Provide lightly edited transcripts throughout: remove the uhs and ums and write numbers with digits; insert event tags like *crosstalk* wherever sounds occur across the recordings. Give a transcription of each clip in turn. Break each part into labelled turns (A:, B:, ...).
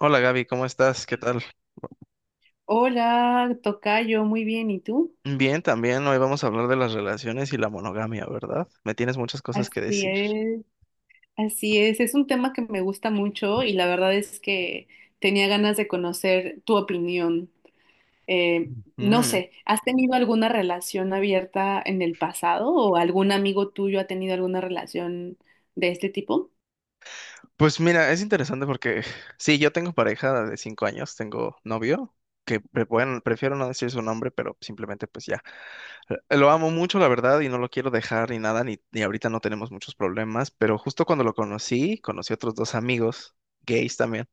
A: Hola Gaby, ¿cómo estás? ¿Qué tal?
B: Hola, tocayo, muy bien, ¿y tú?
A: Bien, también hoy vamos a hablar de las relaciones y la monogamia, ¿verdad? Me tienes muchas cosas que
B: Así
A: decir.
B: es, así es un tema que me gusta mucho y la verdad es que tenía ganas de conocer tu opinión. Eh, no
A: Mm.
B: sé, ¿has tenido alguna relación abierta en el pasado o algún amigo tuyo ha tenido alguna relación de este tipo?
A: Pues mira, es interesante porque *laughs* sí, yo tengo pareja de 5 años, tengo novio, que bueno, prefiero no decir su nombre, pero simplemente pues ya. Lo amo mucho, la verdad, y no lo quiero dejar ni nada, ni ahorita no tenemos muchos problemas, pero justo cuando lo conocí, conocí otros dos amigos, gays también,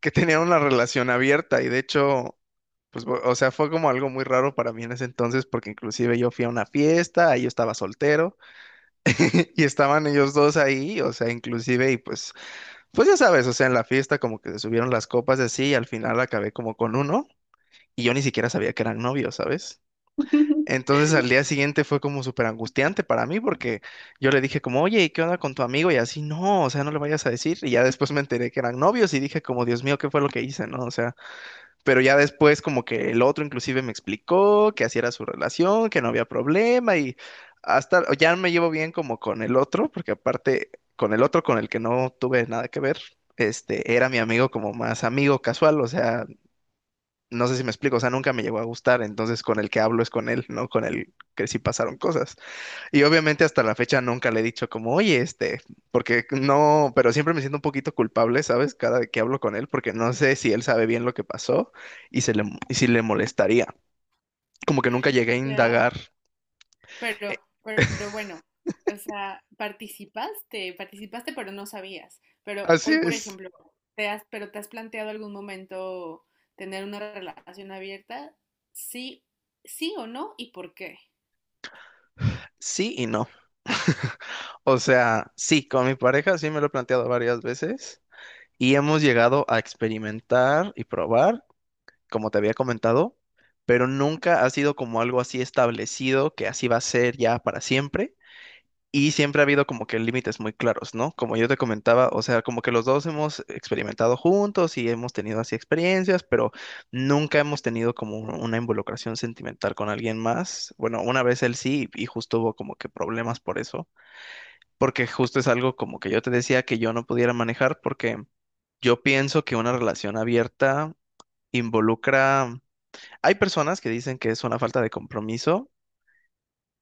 A: que tenían una relación abierta y de hecho... Pues, o sea, fue como algo muy raro para mí en ese entonces, porque inclusive yo fui a una fiesta, ahí yo estaba soltero, *laughs* y estaban ellos dos ahí, o sea, inclusive, y pues ya sabes, o sea, en la fiesta como que se subieron las copas y así, y al final acabé como con uno, y yo ni siquiera sabía que eran novios, ¿sabes?
B: *laughs*
A: Entonces al día siguiente fue como súper angustiante para mí, porque yo le dije como, oye, ¿y qué onda con tu amigo? Y así, no, o sea, no le vayas a decir, y ya después me enteré que eran novios, y dije como, Dios mío, ¿qué fue lo que hice, no? O sea, pero ya después como que el otro inclusive me explicó que así era su relación, que no había problema y hasta ya me llevo bien como con el otro, porque aparte con el otro con el que no tuve nada que ver, este era mi amigo como más amigo casual, o sea, no sé si me explico, o sea, nunca me llegó a gustar, entonces con el que hablo es con él, no con el que sí pasaron cosas. Y obviamente hasta la fecha nunca le he dicho como, oye, este, porque no, pero siempre me siento un poquito culpable, ¿sabes? Cada que hablo con él, porque no sé si él sabe bien lo que pasó y y si le molestaría. Como que nunca llegué a
B: Ya.
A: indagar. Eh,
B: Pero bueno, o sea, participaste, pero no sabías. Pero
A: Así
B: hoy, por
A: es.
B: ejemplo, te has, pero te has planteado algún momento tener una relación abierta, sí, sí o no, y por qué.
A: Sí y no. *laughs* O sea, sí, con mi pareja sí me lo he planteado varias veces y hemos llegado a experimentar y probar, como te había comentado, pero nunca ha sido como algo así establecido que así va a ser ya para siempre. Y siempre ha habido como que límites muy claros, ¿no? Como yo te comentaba, o sea, como que los dos hemos experimentado juntos y hemos tenido así experiencias, pero nunca hemos tenido como una involucración sentimental con alguien más. Bueno, una vez él sí, y justo hubo como que problemas por eso, porque justo es algo como que yo te decía que yo no pudiera manejar, porque yo pienso que una relación abierta involucra... Hay personas que dicen que es una falta de compromiso,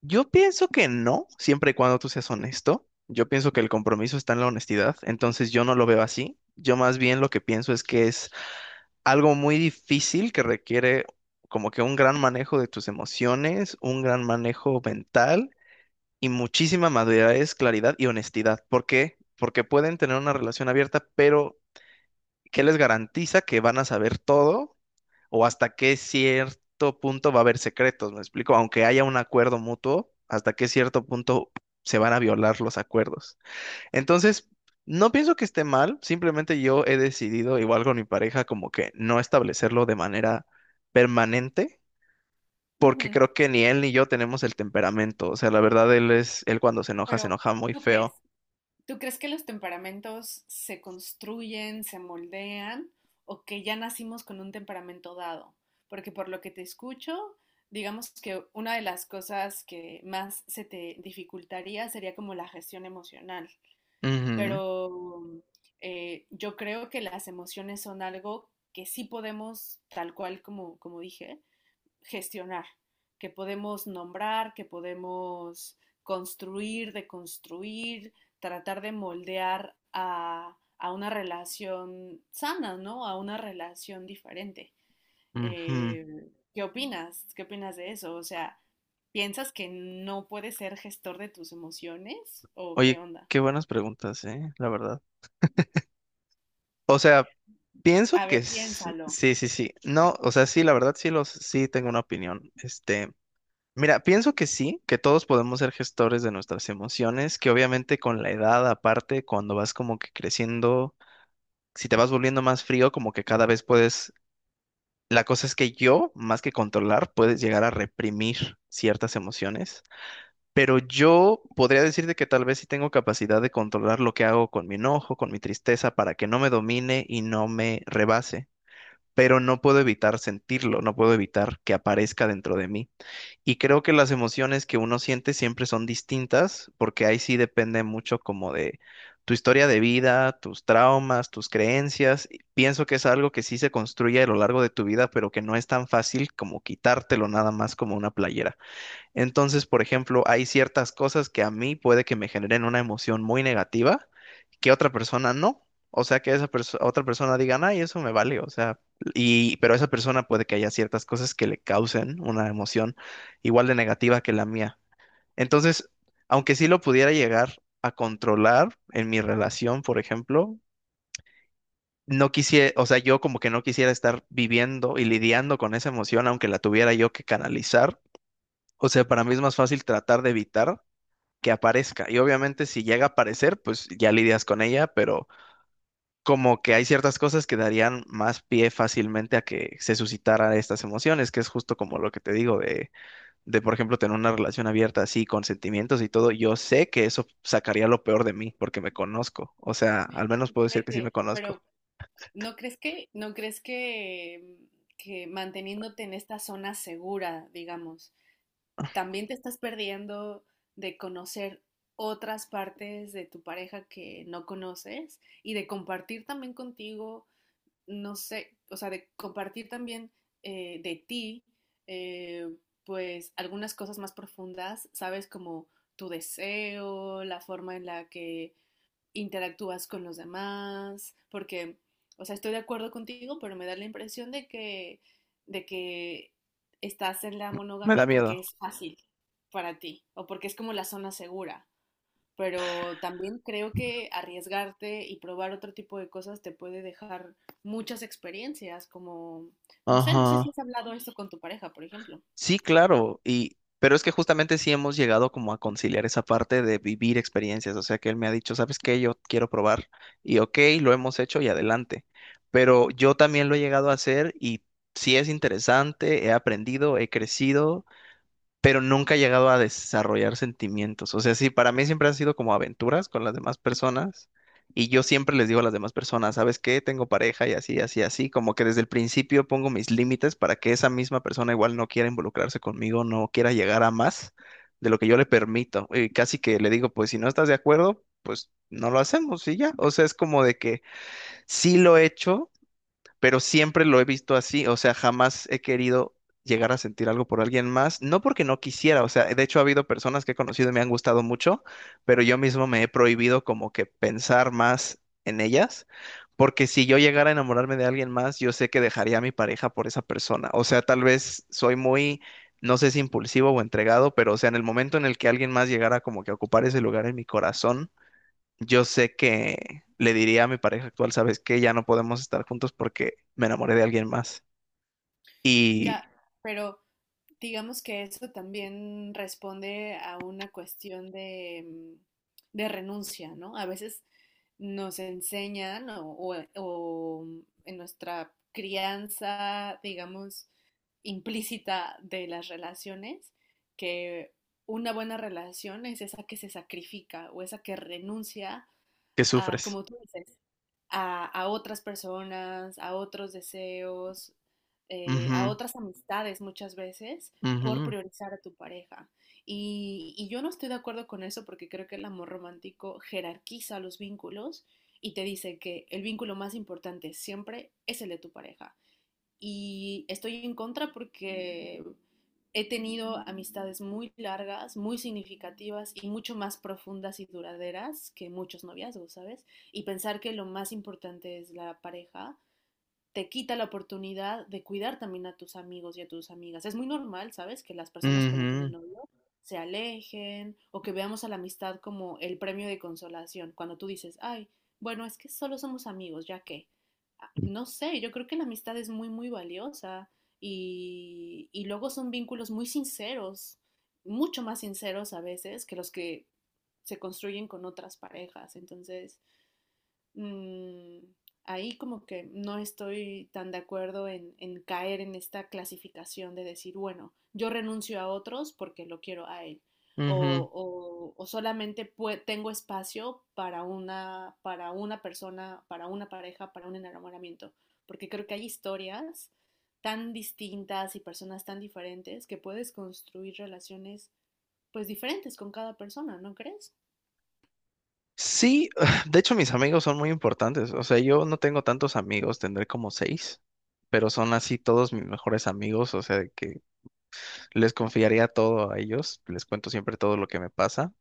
A: yo pienso que no, siempre y cuando tú seas honesto. Yo pienso que el compromiso está en la honestidad, entonces yo no lo veo así. Yo más bien lo que pienso es que es algo muy difícil que requiere como que un gran manejo de tus emociones, un gran manejo mental y muchísima madurez, claridad y honestidad. ¿Por qué? Porque pueden tener una relación abierta, pero ¿qué les garantiza que van a saber todo? O hasta qué cierto punto va a haber secretos, ¿me explico? Aunque haya un acuerdo mutuo, hasta qué cierto punto se van a violar los acuerdos. Entonces, no pienso que esté mal, simplemente yo he decidido, igual con mi pareja, como que no establecerlo de manera permanente. Porque
B: Ujú.
A: creo que ni él ni yo tenemos el temperamento. O sea, la verdad, él es, él cuando se
B: Pero
A: enoja muy
B: ¿tú
A: feo.
B: crees? ¿Tú crees que los temperamentos se construyen, se moldean, o que ya nacimos con un temperamento dado? Porque por lo que te escucho, digamos que una de las cosas que más se te dificultaría sería como la gestión emocional.
A: Ujú,
B: Pero yo creo que las emociones son algo que sí podemos, tal cual como, como dije, gestionar, que podemos nombrar, que podemos construir, deconstruir, tratar de moldear a una relación sana, ¿no? A una relación diferente.
A: ujú.
B: Eh, ¿Qué opinas? ¿Qué opinas de eso? O sea, ¿piensas que no puedes ser gestor de tus emociones? ¿O qué
A: Oye,
B: onda?
A: qué buenas preguntas, ¿eh? La verdad. O sea, pienso
B: A
A: que
B: ver, piénsalo.
A: sí, sí, sí. No, o sea, sí, la verdad sí tengo una opinión. Este, mira, pienso que sí, que todos podemos ser gestores de nuestras emociones, que obviamente con la edad, aparte, cuando vas como que creciendo, si te vas volviendo más frío, como que cada vez puedes, la cosa es que yo, más que controlar, puedes llegar a reprimir ciertas emociones. Pero yo podría decirte que tal vez sí tengo capacidad de controlar lo que hago con mi enojo, con mi tristeza, para que no me domine y no me rebase, pero no puedo evitar sentirlo, no puedo evitar que aparezca dentro de mí. Y creo que las emociones que uno siente siempre son distintas, porque ahí sí depende mucho como de tu historia de vida, tus traumas, tus creencias. Y pienso que es algo que sí se construye a lo largo de tu vida, pero que no es tan fácil como quitártelo nada más como una playera. Entonces, por ejemplo, hay ciertas cosas que a mí puede que me generen una emoción muy negativa que otra persona no. O sea, que esa otra persona diga, ay, eso me vale, o sea, y pero esa persona puede que haya ciertas cosas que le causen una emoción igual de negativa que la mía. Entonces, aunque sí lo pudiera llegar a controlar en mi relación, por ejemplo, no quisiera, o sea, yo como que no quisiera estar viviendo y lidiando con esa emoción, aunque la tuviera yo que canalizar. O sea, para mí es más fácil tratar de evitar que aparezca. Y obviamente si llega a aparecer, pues ya lidias con ella, pero como que hay ciertas cosas que darían más pie fácilmente a que se suscitaran estas emociones, que es justo como lo que te digo de, por ejemplo, tener una relación abierta así, con sentimientos y todo. Yo sé que eso sacaría lo peor de mí, porque me conozco. O sea, al menos
B: Qué
A: puedo decir que sí me
B: fuerte. Pero
A: conozco.
B: ¿no crees que, no crees que manteniéndote en esta zona segura, digamos, también te estás perdiendo de conocer otras partes de tu pareja que no conoces y de compartir también contigo, no sé, o sea, de compartir también de ti, eh, pues algunas cosas más profundas, sabes, como tu deseo, la forma en la que interactúas con los demás, porque, o sea, estoy de acuerdo contigo, pero me da la impresión de que estás en la
A: Me da
B: monogamia
A: miedo.
B: porque es fácil para ti o porque es como la zona segura. Pero también creo que arriesgarte y probar otro tipo de cosas te puede dejar muchas experiencias, como, no sé, no sé si
A: Ajá.
B: has hablado esto con tu pareja, por ejemplo.
A: Sí, claro, y pero es que justamente sí hemos llegado como a conciliar esa parte de vivir experiencias, o sea que él me ha dicho, ¿sabes qué? Yo quiero probar y ok, lo hemos hecho y adelante, pero yo también lo he llegado a hacer y sí es interesante, he aprendido, he crecido, pero nunca he llegado a desarrollar sentimientos. O sea, sí, para mí siempre han sido como aventuras con las demás personas y yo siempre les digo a las demás personas, ¿sabes qué? Tengo pareja y así, así, así, como que desde el principio pongo mis límites para que esa misma persona igual no quiera involucrarse conmigo, no quiera llegar a más de lo que yo le permito. Y casi que le digo, pues si no estás de acuerdo, pues no lo hacemos y ya. O sea, es como de que sí lo he hecho, pero siempre lo he visto así, o sea, jamás he querido llegar a sentir algo por alguien más, no porque no quisiera, o sea, de hecho ha habido personas que he conocido y me han gustado mucho, pero yo mismo me he prohibido como que pensar más en ellas, porque si yo llegara a enamorarme de alguien más, yo sé que dejaría a mi pareja por esa persona, o sea, tal vez soy muy, no sé si impulsivo o entregado, pero o sea, en el momento en el que alguien más llegara como que a ocupar ese lugar en mi corazón, yo sé que le diría a mi pareja actual, sabes que ya no podemos estar juntos porque me enamoré de alguien más y
B: Ya, pero digamos que eso también responde a una cuestión de, mm, de renuncia, ¿no? A veces nos enseñan o mm, en nuestra crianza, digamos, implícita de las relaciones, que una buena relación es esa que se sacrifica o esa que renuncia
A: que
B: a,
A: sufres.
B: como tú dices, a otras personas, a otros deseos, a
A: Ujú,
B: otras amistades muchas veces por
A: ujú,
B: priorizar a tu pareja. Y yo no estoy de acuerdo con eso porque creo que el amor romántico jerarquiza los vínculos y te dice que el vínculo más importante siempre es el de tu pareja y estoy en contra porque he tenido amistades muy largas, muy significativas y mucho más profundas y duraderas que muchos noviazgos, ¿sabes? Y pensar que lo más importante es la pareja te quita la oportunidad de cuidar también a tus amigos y a tus amigas. Es muy normal, ¿sabes? Que las personas cuando tienen
A: ujú,
B: novio se alejen o que veamos a la amistad como el premio de consolación. Cuando tú dices, ay, bueno, es que solo somos amigos, ya que, ah, no sé, yo creo que la amistad es muy, muy valiosa y luego son vínculos muy sinceros, mucho más sinceros a veces que los que se construyen con otras parejas. Entonces mm, ahí como que no estoy tan de acuerdo en caer en esta clasificación de decir, bueno, yo renuncio a otros porque lo quiero a él.
A: ujú.
B: O solamente pue- tengo espacio para una persona, para una pareja, para un enamoramiento. Porque creo que hay historias tan distintas y personas tan diferentes que puedes construir relaciones pues diferentes con cada persona, ¿no crees?
A: Sí, *laughs* *sighs* de hecho mis amigos son muy importantes. O sea, yo no tengo tantos amigos, tendré como seis, pero son así todos mis mejores amigos. O sea, de que les confiaría todo a ellos, les cuento siempre todo lo que me pasa.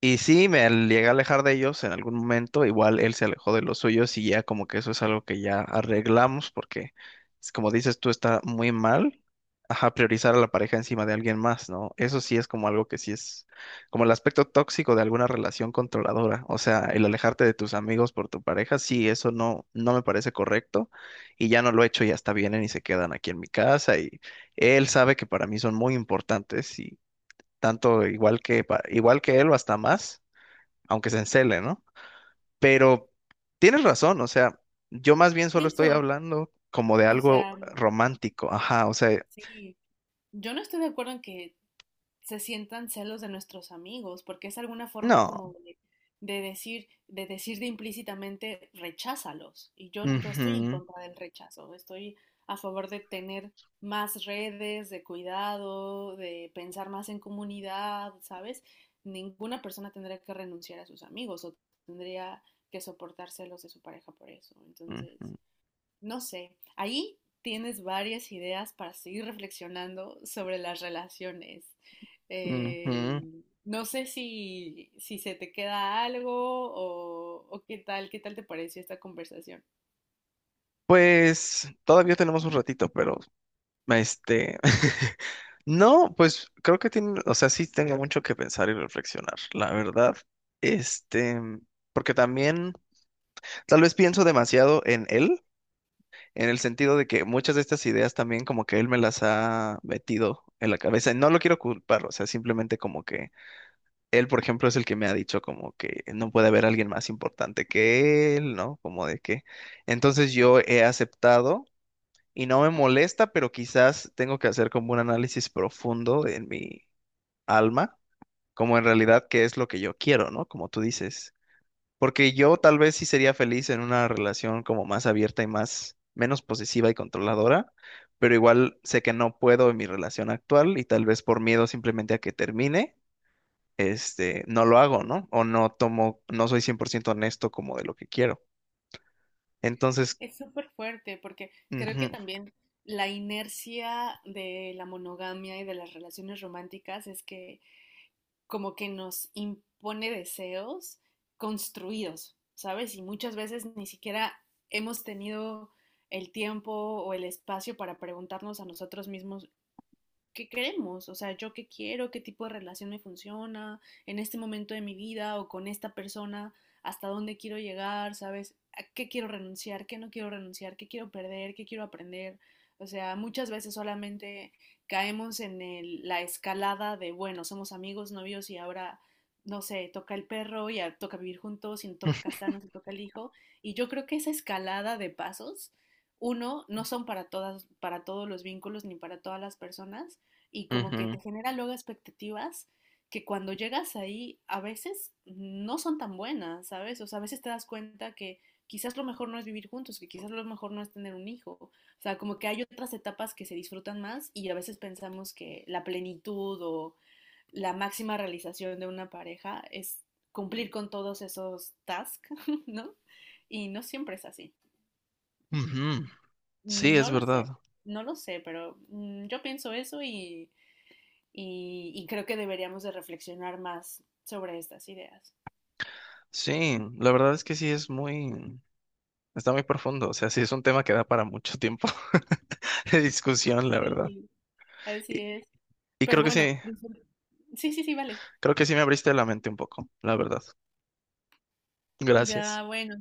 A: Y sí, me llegué a alejar de ellos en algún momento, igual él se alejó de los suyos y ya como que eso es algo que ya arreglamos porque, es como dices tú, está muy mal, ajá, priorizar a la pareja encima de alguien más, ¿no? Eso sí es como algo que sí es como el aspecto tóxico de alguna relación controladora, o sea, el alejarte de tus amigos por tu pareja, sí, eso no, no me parece correcto y ya no lo he hecho, ya hasta vienen y se quedan aquí en mi casa y él sabe que para mí son muy importantes y tanto igual que, igual que él o hasta más aunque se encele, ¿no? Pero tienes razón, o sea, yo más bien
B: Y
A: solo estoy
B: eso,
A: hablando como de
B: o
A: algo
B: sea,
A: romántico, ajá, o sea,
B: sí. Yo no estoy de acuerdo en que se sientan celos de nuestros amigos, porque es alguna forma como
A: no.
B: de decir, de decir de implícitamente, recházalos. Y yo estoy en
A: Ujú,
B: contra del rechazo, estoy a favor de tener más redes, de cuidado, de pensar más en comunidad, ¿sabes? Ninguna persona tendría que renunciar a sus amigos o tendría que soportar celos de su pareja por eso. Entonces, no sé, ahí tienes varias ideas para seguir reflexionando sobre las relaciones.
A: ujú,
B: Eh,
A: ujú.
B: no sé si, si se te queda algo o qué tal te pareció esta conversación.
A: Pues todavía tenemos un ratito, pero este, *laughs* no, pues creo que tiene, o sea, sí tengo mucho que pensar y reflexionar, la verdad. Este, porque también tal vez pienso demasiado en él, en el sentido de que muchas de estas ideas también como que él me las ha metido en la cabeza. Y no lo quiero culpar, o sea, simplemente como que él, por ejemplo, es el que me ha dicho como que no puede haber alguien más importante que él, ¿no? Como de que. Entonces yo he aceptado y no me molesta, pero quizás tengo que hacer como un análisis profundo en mi alma, como en realidad qué es lo que yo quiero, ¿no? Como tú dices. Porque yo tal vez sí sería feliz en una relación como más abierta y más menos posesiva y controladora, pero igual sé que no puedo en mi relación actual y tal vez por miedo simplemente a que termine, este, no lo hago, ¿no? O no tomo, no soy 100% honesto como de lo que quiero. Entonces,
B: Es súper fuerte porque creo que
A: ujú,
B: también la inercia de la monogamia y de las relaciones románticas es que como que nos impone deseos construidos, ¿sabes? Y muchas veces ni siquiera hemos tenido el tiempo o el espacio para preguntarnos a nosotros mismos qué queremos, o sea, yo qué quiero, qué tipo de relación me funciona en este momento de mi vida o con esta persona, hasta dónde quiero llegar, ¿sabes? ¿A qué quiero renunciar, qué no quiero renunciar, qué quiero perder, qué quiero aprender? O sea, muchas veces solamente caemos en el, la escalada de, bueno, somos amigos, novios y ahora, no sé, toca el perro y a- toca vivir juntos y toca
A: *laughs*
B: casarnos y toca el hijo. Y yo creo que esa escalada de pasos, uno, no son para todas, para todos los vínculos ni para todas las personas y como que
A: ujú,
B: te genera luego expectativas que cuando llegas ahí a veces no son tan buenas, ¿sabes? O sea, a veces te das cuenta que quizás lo mejor no es vivir juntos, que quizás lo mejor no es tener un hijo. O sea, como que hay otras etapas que se disfrutan más y a veces pensamos que la plenitud o la máxima realización de una pareja es cumplir con todos esos tasks, *laughs* ¿no? Y no siempre es así.
A: ujú. Sí,
B: No
A: es
B: lo
A: verdad.
B: sé, no lo sé, pero mm, yo pienso eso y y creo que deberíamos de reflexionar más sobre estas ideas.
A: Sí, la verdad es que sí es muy, está muy profundo, o sea, sí es un tema que da para mucho tiempo *laughs* de discusión, la verdad.
B: Sí, así
A: Y,
B: es.
A: y
B: Pero
A: creo que
B: bueno,
A: sí.
B: disfr- sí, sí, sí, vale.
A: Creo que sí me abriste la mente un poco, la verdad. Gracias.
B: Ya, bueno,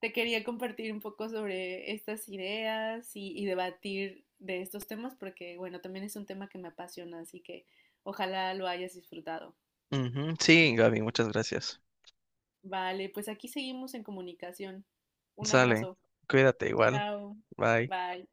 B: te quería compartir un poco sobre estas ideas y debatir de estos temas porque, bueno, también es un tema que me apasiona, así que ojalá lo hayas disfrutado.
A: Ujú, sí, Gaby, muchas gracias.
B: Vale, pues aquí seguimos en comunicación. Un
A: Sale,
B: abrazo.
A: cuídate igual.
B: Chao.
A: Bye.
B: Bye.